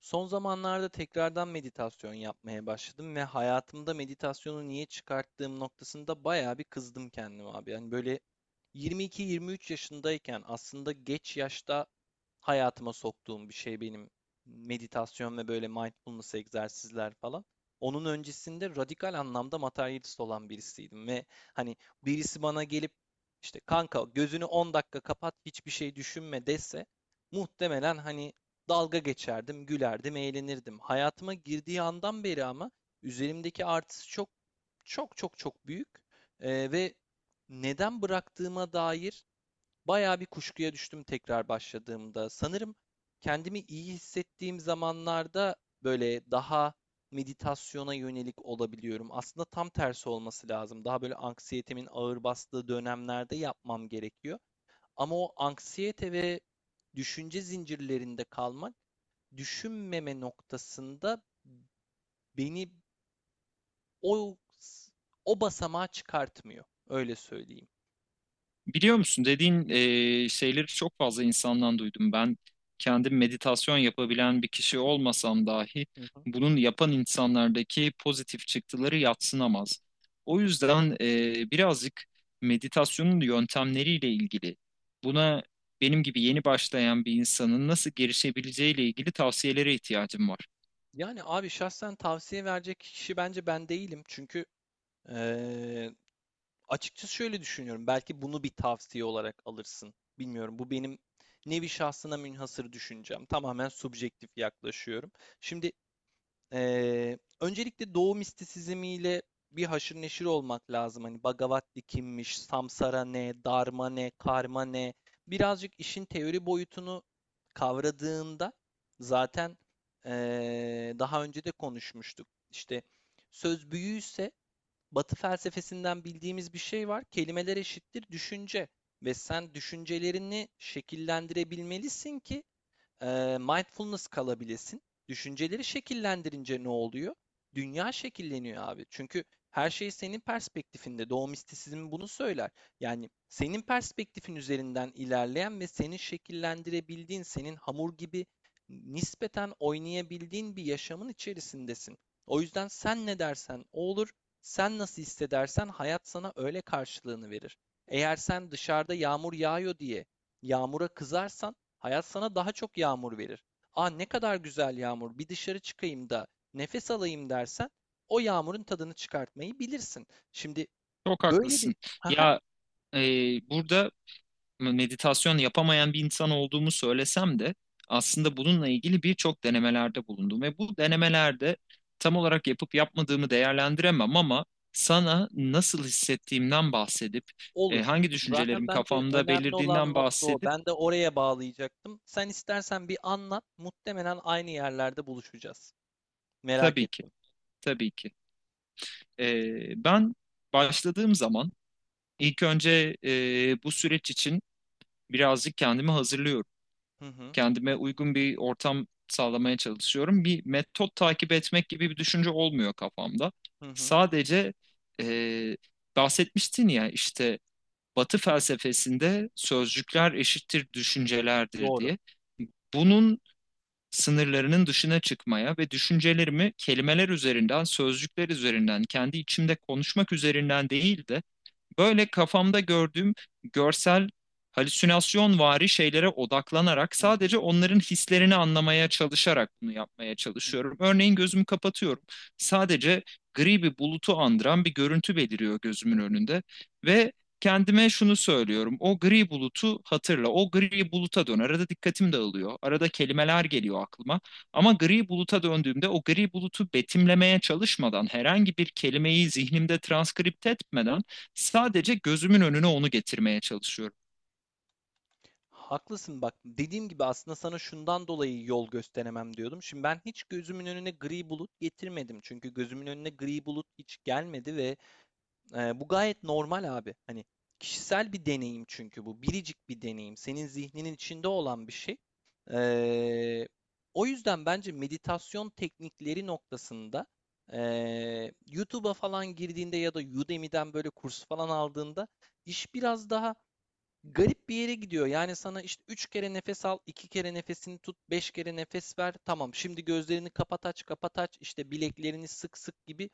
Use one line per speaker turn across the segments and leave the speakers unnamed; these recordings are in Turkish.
Son zamanlarda tekrardan meditasyon yapmaya başladım ve hayatımda meditasyonu niye çıkarttığım noktasında bayağı bir kızdım kendime abi. Yani böyle 22-23 yaşındayken aslında geç yaşta hayatıma soktuğum bir şey benim, meditasyon ve böyle mindfulness egzersizler falan. Onun öncesinde radikal anlamda materyalist olan birisiydim ve hani birisi bana gelip işte, kanka, gözünü 10 dakika kapat, hiçbir şey düşünme dese muhtemelen hani dalga geçerdim, gülerdim, eğlenirdim. Hayatıma girdiği andan beri ama üzerimdeki artısı çok çok çok çok büyük. Ve neden bıraktığıma dair bayağı bir kuşkuya düştüm tekrar başladığımda. Sanırım kendimi iyi hissettiğim zamanlarda böyle daha meditasyona yönelik olabiliyorum. Aslında tam tersi olması lazım. Daha böyle anksiyetemin ağır bastığı dönemlerde yapmam gerekiyor. Ama o anksiyete ve düşünce zincirlerinde kalmak, düşünmeme noktasında beni o o basamağa çıkartmıyor. Öyle söyleyeyim.
Biliyor musun dediğin şeyleri çok fazla insandan duydum. Ben kendim meditasyon yapabilen bir kişi olmasam dahi bunun yapan insanlardaki pozitif çıktıları yadsınamaz. O yüzden birazcık meditasyonun yöntemleriyle ilgili buna benim gibi yeni başlayan bir insanın nasıl girişebileceğiyle ilgili tavsiyelere ihtiyacım var.
Yani abi şahsen tavsiye verecek kişi bence ben değilim. Çünkü eee, açıkçası şöyle düşünüyorum. Belki bunu bir tavsiye olarak alırsın. Bilmiyorum. Bu benim nevi şahsına münhasır düşüncem. Tamamen subjektif yaklaşıyorum. Şimdi öncelikle Doğu mistisizmiyle bir haşır neşir olmak lazım. Hani Bhagavati kimmiş, Samsara ne, Dharma ne, Karma ne? Birazcık işin teori boyutunu kavradığında zaten, daha önce de konuşmuştuk. İşte söz büyüyse, Batı felsefesinden bildiğimiz bir şey var: kelimeler eşittir düşünce, ve sen düşüncelerini şekillendirebilmelisin ki mindfulness kalabilesin. Düşünceleri şekillendirince ne oluyor? Dünya şekilleniyor abi. Çünkü her şey senin perspektifinde. Doğu mistisizmi bunu söyler. Yani senin perspektifin üzerinden ilerleyen ve senin şekillendirebildiğin, senin hamur gibi nispeten oynayabildiğin bir yaşamın içerisindesin. O yüzden sen ne dersen o olur. Sen nasıl hissedersen hayat sana öyle karşılığını verir. Eğer sen dışarıda yağmur yağıyor diye yağmura kızarsan, hayat sana daha çok yağmur verir. Aa, ne kadar güzel yağmur, bir dışarı çıkayım da nefes alayım dersen o yağmurun tadını çıkartmayı bilirsin. Şimdi
Çok
böyle bir...
haklısın.
haha.
Ya, e, burada meditasyon yapamayan bir insan olduğumu söylesem de aslında bununla ilgili birçok denemelerde bulundum ve bu denemelerde tam olarak yapıp yapmadığımı değerlendiremem ama sana nasıl hissettiğimden bahsedip
Olur.
hangi
Zaten
düşüncelerim
bence
kafamda
önemli olan
belirdiğinden
nokta o.
bahsedip
Ben de oraya bağlayacaktım. Sen istersen bir anlat. Muhtemelen aynı yerlerde buluşacağız. Merak
tabii ki
ettim.
tabii ki, E, ben başladığım zaman ilk önce bu süreç için birazcık kendimi hazırlıyorum.
Hı hı,
Kendime uygun bir ortam sağlamaya çalışıyorum. Bir metot takip etmek gibi bir düşünce olmuyor kafamda.
hı hı.
Sadece, e, bahsetmiştin ya işte, Batı felsefesinde sözcükler eşittir düşüncelerdir
Doğru.
diye. Bunun sınırlarının dışına çıkmaya ve düşüncelerimi kelimeler üzerinden, sözcükler üzerinden, kendi içimde konuşmak üzerinden değil de böyle kafamda gördüğüm görsel halüsinasyon vari şeylere odaklanarak
Hı hı,
sadece onların hislerini anlamaya çalışarak bunu yapmaya
hı hı.
çalışıyorum. Örneğin gözümü kapatıyorum. Sadece gri bir bulutu andıran bir görüntü beliriyor gözümün önünde ve kendime şunu söylüyorum. O gri bulutu hatırla. O gri buluta dön. Arada dikkatim dağılıyor. Arada kelimeler geliyor aklıma. Ama gri buluta döndüğümde o gri bulutu betimlemeye çalışmadan herhangi bir kelimeyi zihnimde transkripte etmeden sadece gözümün önüne onu getirmeye çalışıyorum.
Haklısın bak. Dediğim gibi aslında sana şundan dolayı yol gösteremem diyordum. Şimdi ben hiç gözümün önüne gri bulut getirmedim. Çünkü gözümün önüne gri bulut hiç gelmedi ve bu gayet normal abi. Hani kişisel bir deneyim çünkü bu. Biricik bir deneyim. Senin zihninin içinde olan bir şey. Eee, O yüzden bence meditasyon teknikleri noktasında YouTube'a falan girdiğinde ya da Udemy'den böyle kurs falan aldığında iş biraz daha garip bir yere gidiyor. Yani sana işte 3 kere nefes al, 2 kere nefesini tut, 5 kere nefes ver. Tamam, şimdi gözlerini kapat aç, kapat aç, işte bileklerini sık sık gibi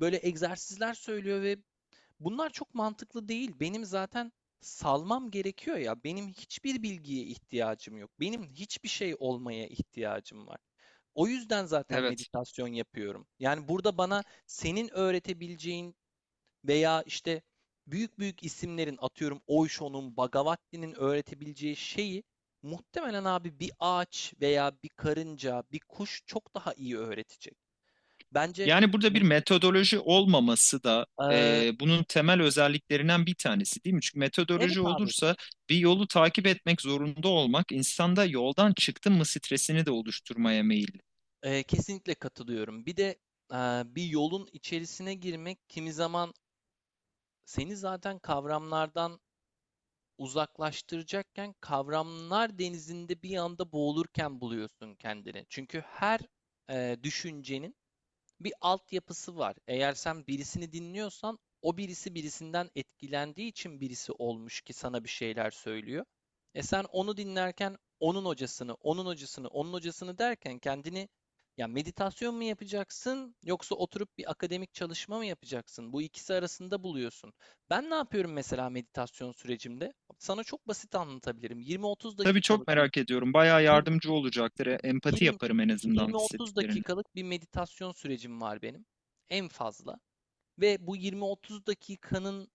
böyle egzersizler söylüyor ve bunlar çok mantıklı değil. Benim zaten salmam gerekiyor ya. Benim hiçbir bilgiye ihtiyacım yok. Benim hiçbir şey olmaya ihtiyacım var. O yüzden zaten
Evet.
meditasyon yapıyorum. Yani burada bana senin öğretebileceğin veya işte büyük büyük isimlerin, atıyorum Osho'nun, Bhagavati'nin öğretebileceği şeyi muhtemelen abi bir ağaç veya bir karınca, bir kuş çok daha iyi öğretecek. Bence...
Yani burada bir
medi-
metodoloji olmaması da,
Eee,
bunun temel özelliklerinden bir tanesi değil mi? Çünkü
evet
metodoloji
abi,
olursa, bir yolu takip etmek zorunda olmak insanda yoldan çıktım mı stresini de oluşturmaya meyilli.
kesinlikle katılıyorum. Bir de bir yolun içerisine girmek kimi zaman seni zaten kavramlardan uzaklaştıracakken kavramlar denizinde bir anda boğulurken buluyorsun kendini. Çünkü her düşüncenin bir altyapısı var. Eğer sen birisini dinliyorsan o birisi birisinden etkilendiği için birisi olmuş ki sana bir şeyler söylüyor. E sen onu dinlerken onun hocasını, onun hocasını, onun hocasını derken kendini ya meditasyon mu yapacaksın yoksa oturup bir akademik çalışma mı yapacaksın, bu ikisi arasında buluyorsun. Ben ne yapıyorum mesela meditasyon sürecimde? Sana çok basit anlatabilirim. 20-30
Tabii çok
dakikalık bir...
merak ediyorum. Bayağı yardımcı olacaktır. E, Empati
20,
yaparım en azından
20-30
hissettiklerini.
dakikalık bir meditasyon sürecim var benim en fazla, ve bu 20-30 dakikanın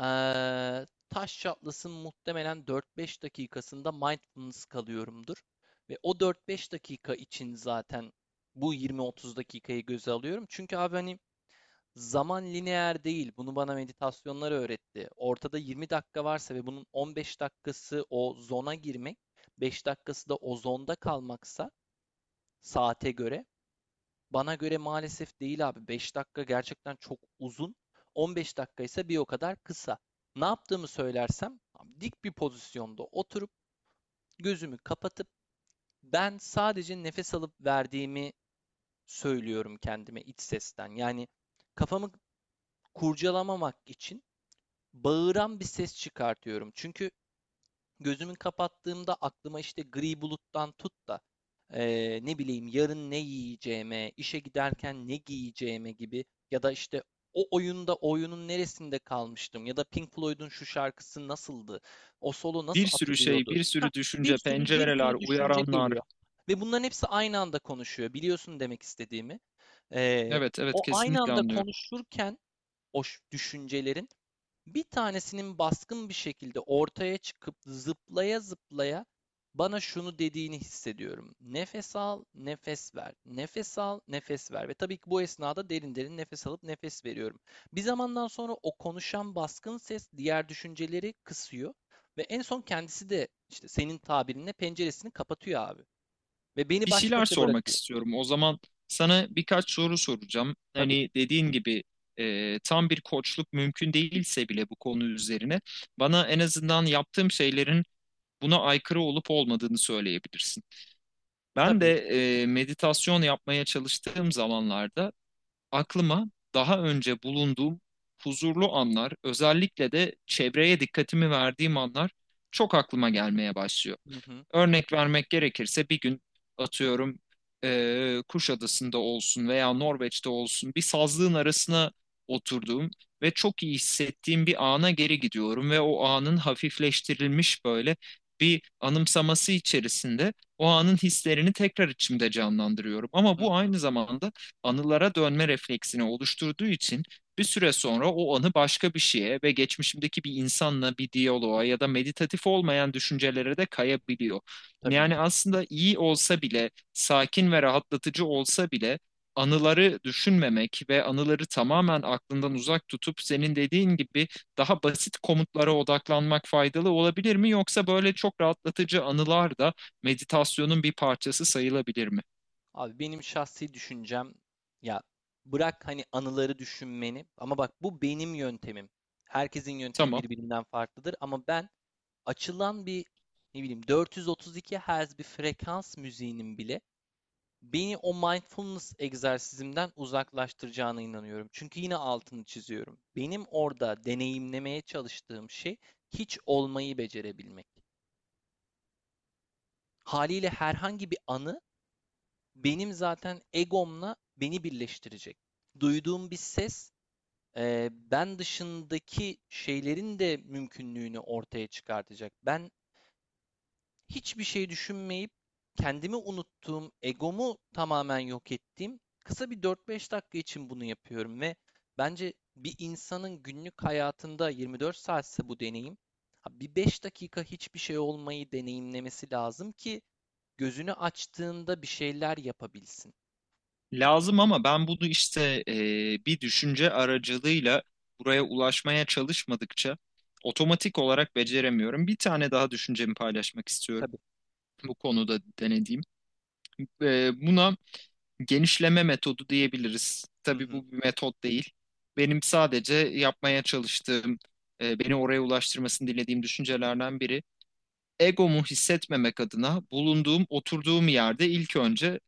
taş çatlasın muhtemelen 4-5 dakikasında mindfulness kalıyorumdur. Ve o 4-5 dakika için zaten bu 20-30 dakikayı göze alıyorum. Çünkü abi hani zaman lineer değil. Bunu bana meditasyonlar öğretti. Ortada 20 dakika varsa ve bunun 15 dakikası o zona girmek, 5 dakikası da o zonda kalmaksa, saate göre. Bana göre maalesef değil abi. 5 dakika gerçekten çok uzun. 15 dakika ise bir o kadar kısa. Ne yaptığımı söylersem, dik bir pozisyonda oturup gözümü kapatıp ben sadece nefes alıp verdiğimi söylüyorum kendime iç sesten. Yani kafamı kurcalamamak için bağıran bir ses çıkartıyorum. Çünkü gözümü kapattığımda aklıma işte gri buluttan tut da ne bileyim yarın ne yiyeceğime, işe giderken ne giyeceğime gibi, ya da işte o oyunda oyunun neresinde kalmıştım, ya da Pink Floyd'un şu şarkısı nasıldı, o solo
Bir
nasıl
sürü şey,
atılıyordu...
bir
Hah,
sürü
bir
düşünce,
sürü bir
pencereler,
sürü düşünce
uyaranlar.
geliyor ve bunların hepsi aynı anda konuşuyor. Biliyorsun demek istediğimi. Eee,
Evet, evet,
O aynı
kesinlikle
anda
anlıyorum.
konuşurken o düşüncelerin bir tanesinin baskın bir şekilde ortaya çıkıp zıplaya zıplaya bana şunu dediğini hissediyorum: nefes al, nefes ver. Nefes al, nefes ver. Ve tabii ki bu esnada derin derin nefes alıp nefes veriyorum. Bir zamandan sonra o konuşan baskın ses diğer düşünceleri kısıyor ve en son kendisi de işte senin tabirinle penceresini kapatıyor abi, ve beni
Bir
baş
şeyler
başa
sormak
bırakıyor.
istiyorum. O zaman sana birkaç soru soracağım.
Tabii,
Hani dediğin gibi tam bir koçluk mümkün değilse bile bu konu üzerine bana en azından yaptığım şeylerin buna aykırı olup olmadığını söyleyebilirsin. Ben
tabii.
de meditasyon yapmaya çalıştığım zamanlarda aklıma daha önce bulunduğum huzurlu anlar, özellikle de çevreye dikkatimi verdiğim anlar çok aklıma gelmeye başlıyor.
Hı hı,
Örnek vermek gerekirse bir gün, atıyorum, Kuşadası'nda olsun veya Norveç'te olsun bir sazlığın arasına oturduğum ve çok iyi hissettiğim bir ana geri gidiyorum ve o anın hafifleştirilmiş böyle bir anımsaması içerisinde o anın hislerini tekrar içimde canlandırıyorum. Ama
hı
bu
hı.
aynı zamanda anılara dönme refleksini oluşturduğu için bir süre sonra o anı başka bir şeye ve geçmişimdeki bir insanla bir diyaloğa ya da meditatif olmayan düşüncelere de kayabiliyor.
Tabii
Yani
ki.
aslında iyi olsa bile, sakin ve rahatlatıcı olsa bile, anıları düşünmemek ve anıları tamamen aklından uzak tutup senin dediğin gibi daha basit komutlara odaklanmak faydalı olabilir mi? Yoksa böyle çok rahatlatıcı anılar da meditasyonun bir parçası sayılabilir mi?
Abi benim şahsi düşüncem, ya, bırak hani anıları düşünmeni, ama bak bu benim yöntemim. Herkesin yöntemi
Tamam.
birbirinden farklıdır ama ben açılan bir, ne bileyim, 432 Hz bir frekans müziğinin bile beni o mindfulness egzersizimden uzaklaştıracağına inanıyorum. Çünkü yine altını çiziyorum. Benim orada deneyimlemeye çalıştığım şey hiç olmayı becerebilmek. Haliyle herhangi bir anı benim zaten egomla beni birleştirecek. Duyduğum bir ses, ben dışındaki şeylerin de mümkünlüğünü ortaya çıkartacak. Ben hiçbir şey düşünmeyip kendimi unuttuğum, egomu tamamen yok ettiğim kısa bir 4-5 dakika için bunu yapıyorum ve bence bir insanın günlük hayatında 24 saatse bu deneyim, bir 5 dakika hiçbir şey olmayı deneyimlemesi lazım ki gözünü açtığında bir şeyler yapabilsin.
Lazım ama ben bunu işte bir düşünce aracılığıyla buraya ulaşmaya çalışmadıkça otomatik olarak beceremiyorum. Bir tane daha düşüncemi paylaşmak istiyorum
Tabii.
bu konuda denediğim. Buna genişleme metodu diyebiliriz.
Hı
Tabii
hı.
bu bir metot değil. Benim sadece yapmaya çalıştığım, beni oraya ulaştırmasını dilediğim düşüncelerden biri. Egomu hissetmemek adına bulunduğum, oturduğum yerde ilk önce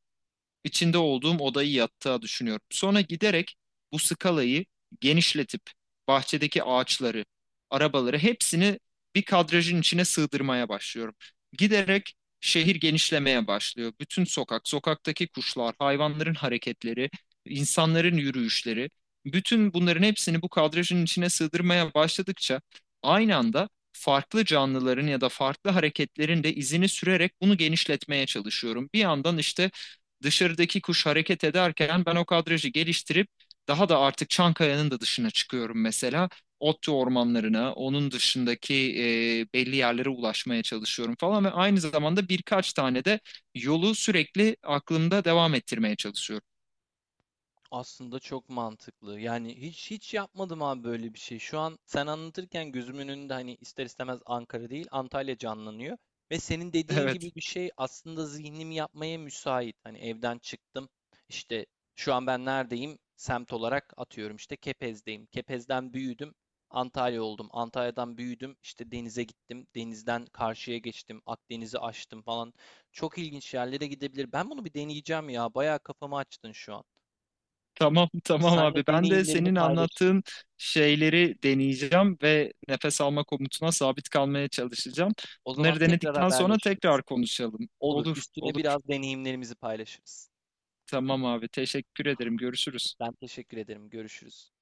içinde olduğum odayı yattığa düşünüyorum. Sonra giderek bu skalayı genişletip bahçedeki ağaçları, arabaları, hepsini bir kadrajın içine sığdırmaya başlıyorum. Giderek şehir genişlemeye başlıyor. Bütün sokak, sokaktaki kuşlar, hayvanların hareketleri, insanların yürüyüşleri, bütün bunların hepsini bu kadrajın içine sığdırmaya başladıkça aynı anda farklı canlıların ya da farklı hareketlerin de izini sürerek bunu genişletmeye çalışıyorum. Bir yandan işte dışarıdaki kuş hareket ederken ben o kadrajı geliştirip daha da artık Çankaya'nın da dışına çıkıyorum mesela. Otlu ormanlarına, onun dışındaki belli yerlere ulaşmaya çalışıyorum falan ve aynı zamanda birkaç tane de yolu sürekli aklımda devam ettirmeye çalışıyorum.
Aslında çok mantıklı. Yani hiç hiç yapmadım abi böyle bir şey. Şu an sen anlatırken gözümün önünde hani ister istemez Ankara değil Antalya canlanıyor. Ve senin dediğin
Evet,
gibi bir şey aslında zihnimi yapmaya müsait. Hani evden çıktım. İşte şu an ben neredeyim? Semt olarak atıyorum işte Kepez'deyim. Kepez'den büyüdüm. Antalya oldum. Antalya'dan büyüdüm. İşte denize gittim. Denizden karşıya geçtim. Akdeniz'i aştım falan. Çok ilginç yerlere gidebilir. Ben bunu bir deneyeceğim ya. Bayağı kafamı açtın şu an.
tamam, tamam
Seninle
abi. Ben de
deneyimlerimi
senin
paylaşırım.
anlattığın şeyleri deneyeceğim ve nefes alma komutuna sabit kalmaya çalışacağım.
O zaman
Bunları
tekrar
denedikten sonra
haberleşiriz.
tekrar konuşalım.
Olur,
Olur,
üstüne
olur.
biraz deneyimlerimizi paylaşırız.
Tamam abi, teşekkür ederim, görüşürüz.
Ben teşekkür ederim. Görüşürüz.